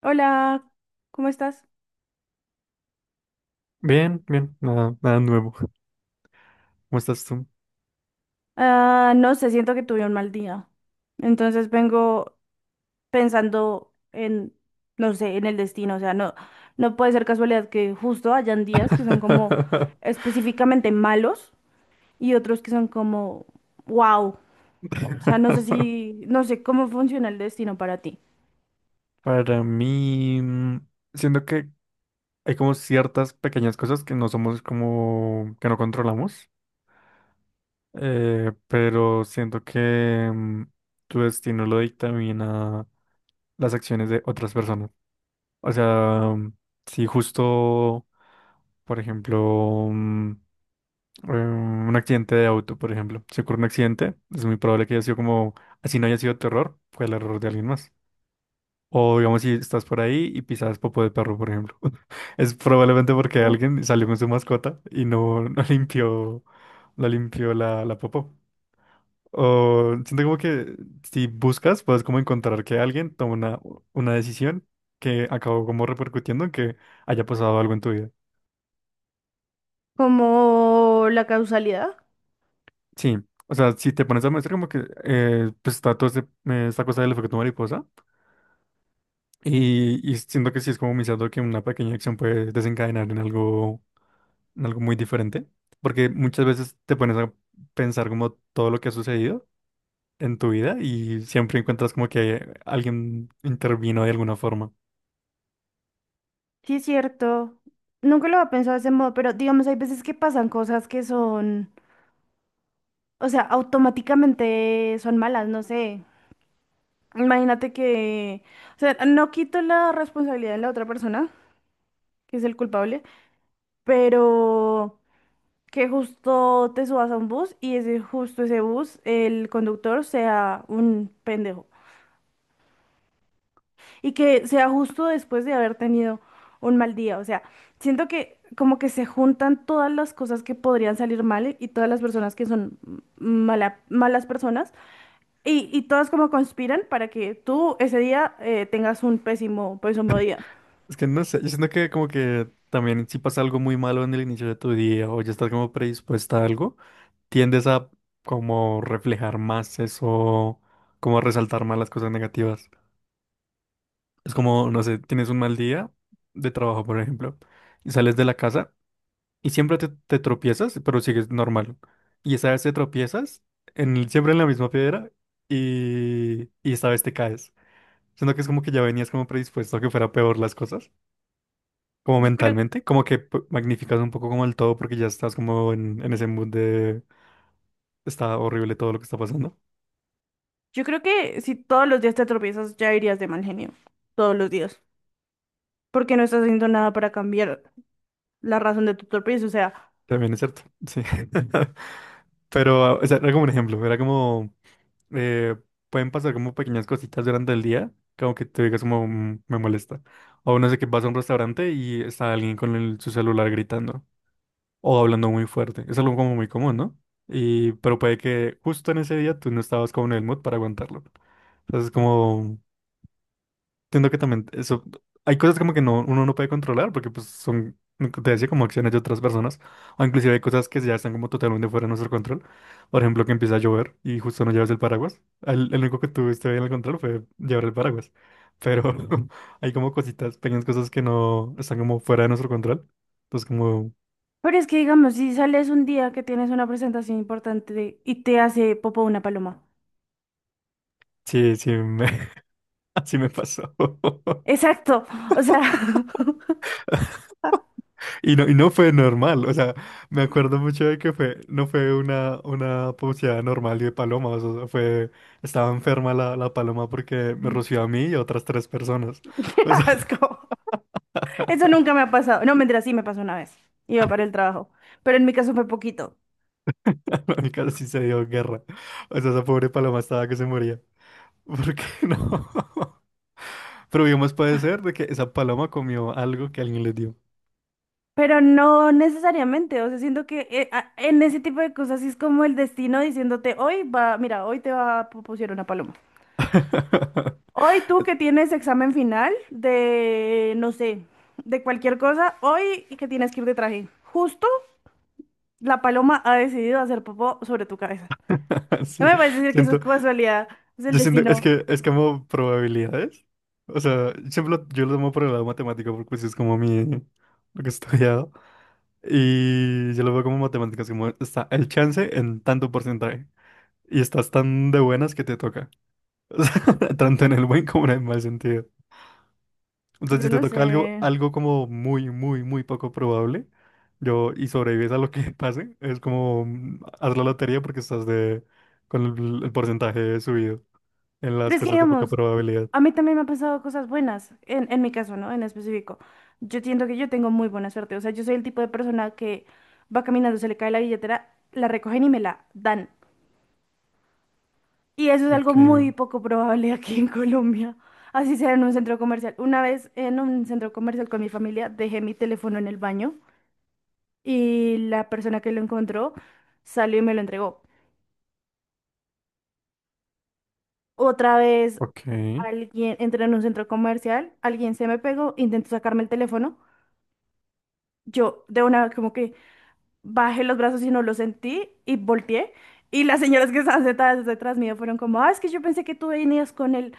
Hola, ¿cómo estás? Bien, bien, nada, nada nuevo. ¿Cómo estás tú? Ah, no sé, siento que tuve un mal día. Entonces vengo pensando en, no sé, en el destino. O sea, no puede ser casualidad que justo hayan días que son como específicamente malos y otros que son como, wow. O sea, no sé si, no sé cómo funciona el destino para ti. Para mí, siento que hay como ciertas pequeñas cosas que no somos como, que no controlamos, pero siento que tu destino lo dictamina las acciones de otras personas. O sea, mm, si justo, por ejemplo, un accidente de auto, por ejemplo. Si ocurre un accidente, es muy probable que haya sido como, así no haya sido tu error, fue el error de alguien más. O digamos, si estás por ahí y pisas popo de perro, por ejemplo. Es probablemente porque alguien salió con su mascota y no limpió, no limpió la popó. O siento como que si buscas, puedes como encontrar que alguien toma una decisión que acabó como repercutiendo en que haya pasado algo en tu vida. Como la causalidad. Sí, o sea, si te pones a mostrar como que pues está toda esta cosa del efecto mariposa y siento que sí es como iniciando que una pequeña acción puede desencadenar en algo muy diferente, porque muchas veces te pones a pensar como todo lo que ha sucedido en tu vida y siempre encuentras como que alguien intervino de alguna forma. Sí, es cierto. Nunca lo había pensado de ese modo, pero digamos, hay veces que pasan cosas que son, o sea, automáticamente son malas, no sé. Imagínate que, o sea, no quito la responsabilidad de la otra persona, que es el culpable, pero que justo te subas a un bus y ese justo ese bus, el conductor sea un pendejo. Y que sea justo después de haber tenido un mal día. O sea, siento que como que se juntan todas las cosas que podrían salir mal y todas las personas que son malas personas. Y todas como conspiran para que tú ese día tengas un pésimo, pésimo día. Es que no sé, yo siento que como que también si pasa algo muy malo en el inicio de tu día o ya estás como predispuesta a algo. Tiendes a como reflejar más eso, como a resaltar más las cosas negativas. Es como, no sé, tienes un mal día de trabajo, por ejemplo, y sales de la casa y siempre te tropiezas, pero sigues normal. Y esa vez te tropiezas en, siempre en la misma piedra y esta vez te caes. Siento que es como que ya venías como predispuesto a que fuera peor las cosas, como Yo creo, mentalmente, como que magnificas un poco como el todo porque ya estás como en ese mood de está horrible todo lo que está pasando. yo creo que si todos los días te tropiezas, ya irías de mal genio. Todos los días. Porque no estás haciendo nada para cambiar la razón de tu tropiezo. O sea, También es cierto, sí. Pero, o sea, era como un ejemplo, era como, eh, pueden pasar como pequeñas cositas durante el día, como que te digas como, "Mm, me molesta". O no sé, que vas a un restaurante y está alguien con su celular gritando o hablando muy fuerte. Es algo como muy común, ¿no? Y, pero puede que justo en ese día tú no estabas como en el mood para aguantarlo. Entonces, como entiendo que también eso, hay cosas como que no, uno no puede controlar porque pues son, lo que te decía, como acciones de otras personas, o inclusive hay cosas que ya están como totalmente fuera de nuestro control. Por ejemplo, que empieza a llover y justo no llevas el paraguas. El único que tuviste bien el control fue llevar el paraguas. Pero hay como cositas, pequeñas cosas que no están como fuera de nuestro control. Entonces como, pero es que digamos, si sales un día que tienes una presentación importante y te hace popo una paloma. sí, sí, me, así me pasó. Exacto. O sea, y no fue normal, o sea, me acuerdo mucho de que fue, no fue una pauseada normal de palomas, o sea, fue, estaba enferma la paloma porque me roció a mí y a otras tres personas, qué o sea, asco. Eso nunca me ha pasado. No, mentira, sí me pasó una vez. Iba para el trabajo. Pero en mi caso fue poquito. la única sí se dio guerra, o sea, esa pobre paloma estaba que se moría, porque no, pero bien más puede ser de que esa paloma comió algo que alguien le dio, Pero no necesariamente, o sea, siento que en ese tipo de cosas sí es como el destino diciéndote, hoy va, mira, hoy te va a pusieron una paloma. Hoy tú que tienes examen final de, no sé, de cualquier cosa, hoy que tienes que ir de traje. Justo la paloma ha decidido hacer popó sobre tu cabeza. No sí, me puedes decir que eso es siento, casualidad, es el yo siento, es destino. que es como probabilidades. O sea, siempre yo lo tomo por el lado matemático porque eso es como mi lo que he estudiado. Y yo lo veo como matemáticas, como está el chance en tanto porcentaje. Y estás tan de buenas que te toca. O sea, tanto en el buen como en el mal sentido. Entonces, Yo si te no toca algo, sé. algo como muy, muy, muy poco probable, yo, y sobrevives a lo que pase, es como haz la lotería porque estás de con el porcentaje subido en las Pero es que cosas de poca digamos, probabilidad. a mí también me han pasado cosas buenas, en mi caso, ¿no? En específico. Yo siento que yo tengo muy buena suerte. O sea, yo soy el tipo de persona que va caminando, se le cae la billetera, la recogen y me la dan. Y eso es algo Okay, muy poco probable aquí en Colombia. Así sea en un centro comercial. Una vez en un centro comercial con mi familia dejé mi teléfono en el baño y la persona que lo encontró salió y me lo entregó. Otra vez okay. alguien entré en un centro comercial, alguien se me pegó, intentó sacarme el teléfono. Yo de una como que bajé los brazos y no los sentí y volteé. Y las señoras que estaban sentadas detrás mío fueron como, ah, es que yo pensé que tú venías con él.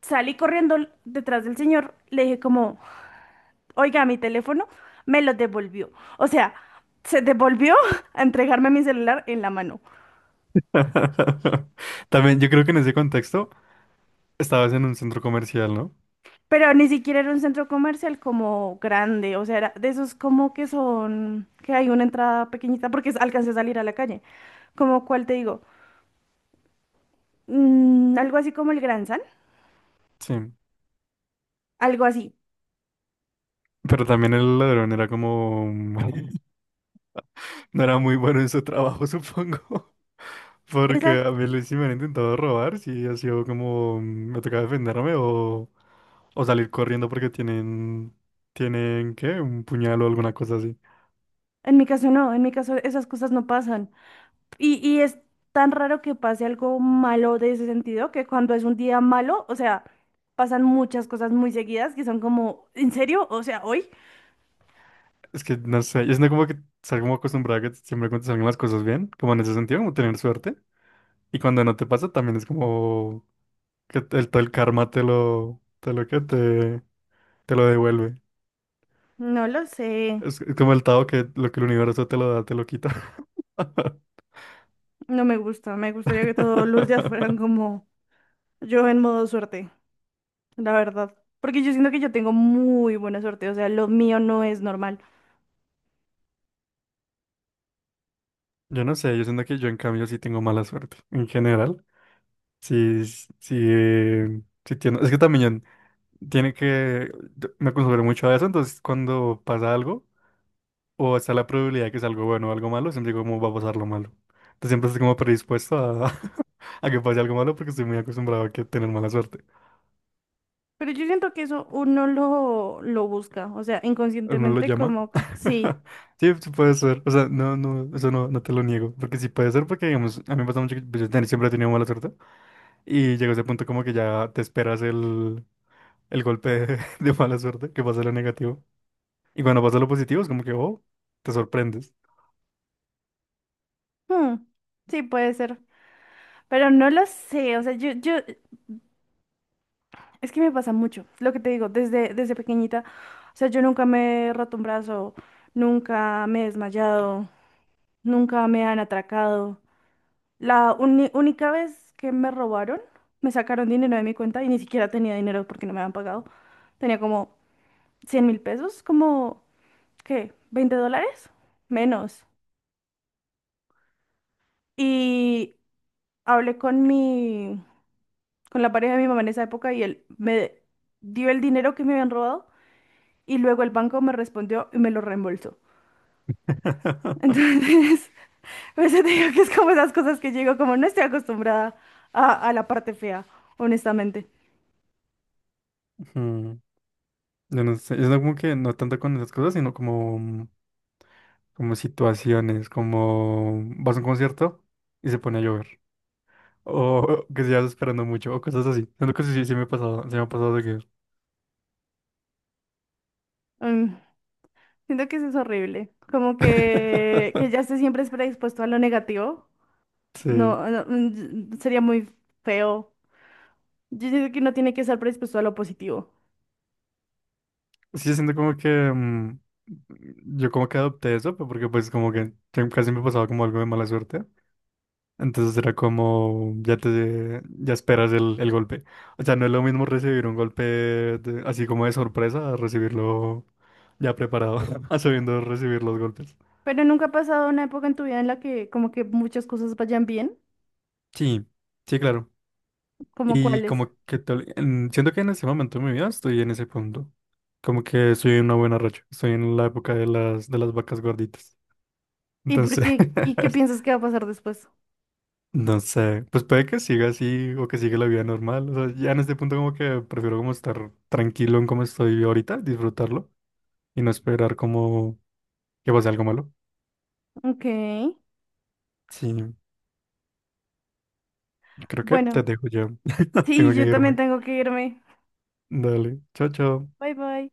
Salí corriendo detrás del señor, le dije como, oiga, mi teléfono me lo devolvió. O sea, se devolvió a entregarme mi celular en la mano. También yo creo que en ese contexto estabas en un centro comercial, ¿no? Pero ni siquiera era un centro comercial como grande, o sea, era de esos como que son, que hay una entrada pequeñita porque alcancé a salir a la calle. Como cuál te digo, mm, algo así como el Gran San, Sí. algo así. Pero también el ladrón era como... no era muy bueno en su trabajo, supongo. Porque a mí sí me han intentado robar, sí ha sido como... me toca defenderme o salir corriendo porque tienen... Tienen, ¿qué? Un puñal o alguna cosa así. En mi caso no, en mi caso esas cosas no pasan. Y es tan raro que pase algo malo de ese sentido, que cuando es un día malo, o sea, pasan muchas cosas muy seguidas que son como, ¿en serio? O sea, ¿hoy? Es que no sé, ¿es siento como que estar como acostumbrada a que siempre cuando te salgan las cosas bien, como en ese sentido, como tener suerte. Y cuando no te pasa, también es como que todo el karma te lo que te lo devuelve. No lo sé, Es como el Tao que lo que el universo te lo da, te lo quita. no me gusta, me gustaría que todos los días fueran como yo en modo suerte, la verdad. Porque yo siento que yo tengo muy buena suerte, o sea, lo mío no es normal. Yo no sé, yo siento que yo en cambio sí tengo mala suerte. En general, sí, sí, sí tiene. Es que también tiene que. Yo me acostumbré mucho a eso, entonces cuando pasa algo, o está la probabilidad de que sea algo bueno o algo malo, siempre digo cómo va a pasar lo malo. Entonces siempre estoy como predispuesto a, a que pase algo malo porque estoy muy acostumbrado a que tener mala suerte. Pero yo siento que eso uno lo busca, o sea, Uno lo inconscientemente llama. como que sí, Sí, sí puede ser. O sea, no, no, eso no, no te lo niego. Porque sí puede ser porque, digamos, a mí me pasa mucho que pues, yo siempre he tenido mala suerte y llega ese punto como que ya te esperas el golpe de, de mala suerte, que pasa lo negativo. Y cuando pasa lo positivo es como que, oh, te sorprendes. hmm, sí puede ser. Pero no lo sé, o sea, es que me pasa mucho, lo que te digo, desde pequeñita, o sea, yo nunca me he roto un brazo, nunca me he desmayado, nunca me han atracado. La única vez que me robaron, me sacaron dinero de mi cuenta y ni siquiera tenía dinero porque no me habían pagado. Tenía como 100.000 pesos, como, ¿qué? ¿20 dólares? Menos. Y hablé con mi, con la pareja de mi mamá en esa época y él me dio el dinero que me habían robado. Y luego el banco me respondió y me lo reembolsó. Entonces, por eso te digo que es como esas cosas que llego, como no estoy acostumbrada a la parte fea, honestamente. Mm, yo no sé, yo no como que no tanto con esas cosas, sino como... como situaciones, como vas a un concierto y se pone a llover, o que estás esperando mucho, o cosas así. Siento que sí, sí, sí me ha pasado, sí me ha pasado de que Mm, siento que eso es horrible. Como que ya esté siempre es predispuesto a lo negativo. sí, No, no, mm, sería muy feo. Yo siento que no tiene que estar predispuesto a lo positivo. sí, siento como que mm, yo como que adopté eso, pero porque pues como que casi me pasaba como algo de mala suerte. Entonces era como, ya te, ya esperas el golpe. O sea, no es lo mismo recibir un golpe así como de sorpresa a recibirlo ya preparado, a sabiendo recibir los golpes. Pero nunca ha pasado una época en tu vida en la que como que muchas cosas vayan bien, Sí, sí, claro. como Y cuáles. como que tal, siento que en ese momento de mi vida estoy en ese punto. Como que estoy en una buena racha. Estoy en la época de las vacas gorditas. ¿Y por Entonces, qué? ¿Y qué piensas que va a pasar después? no sé, pues puede que siga así o que siga la vida normal. O sea, ya en este punto como que prefiero como estar tranquilo en cómo estoy ahorita, disfrutarlo y no esperar como que pase algo malo. Ok. Sí, creo que te Bueno, dejo ya. sí, Tengo que yo también irme. tengo que irme. Dale, chao, chao. Bye bye.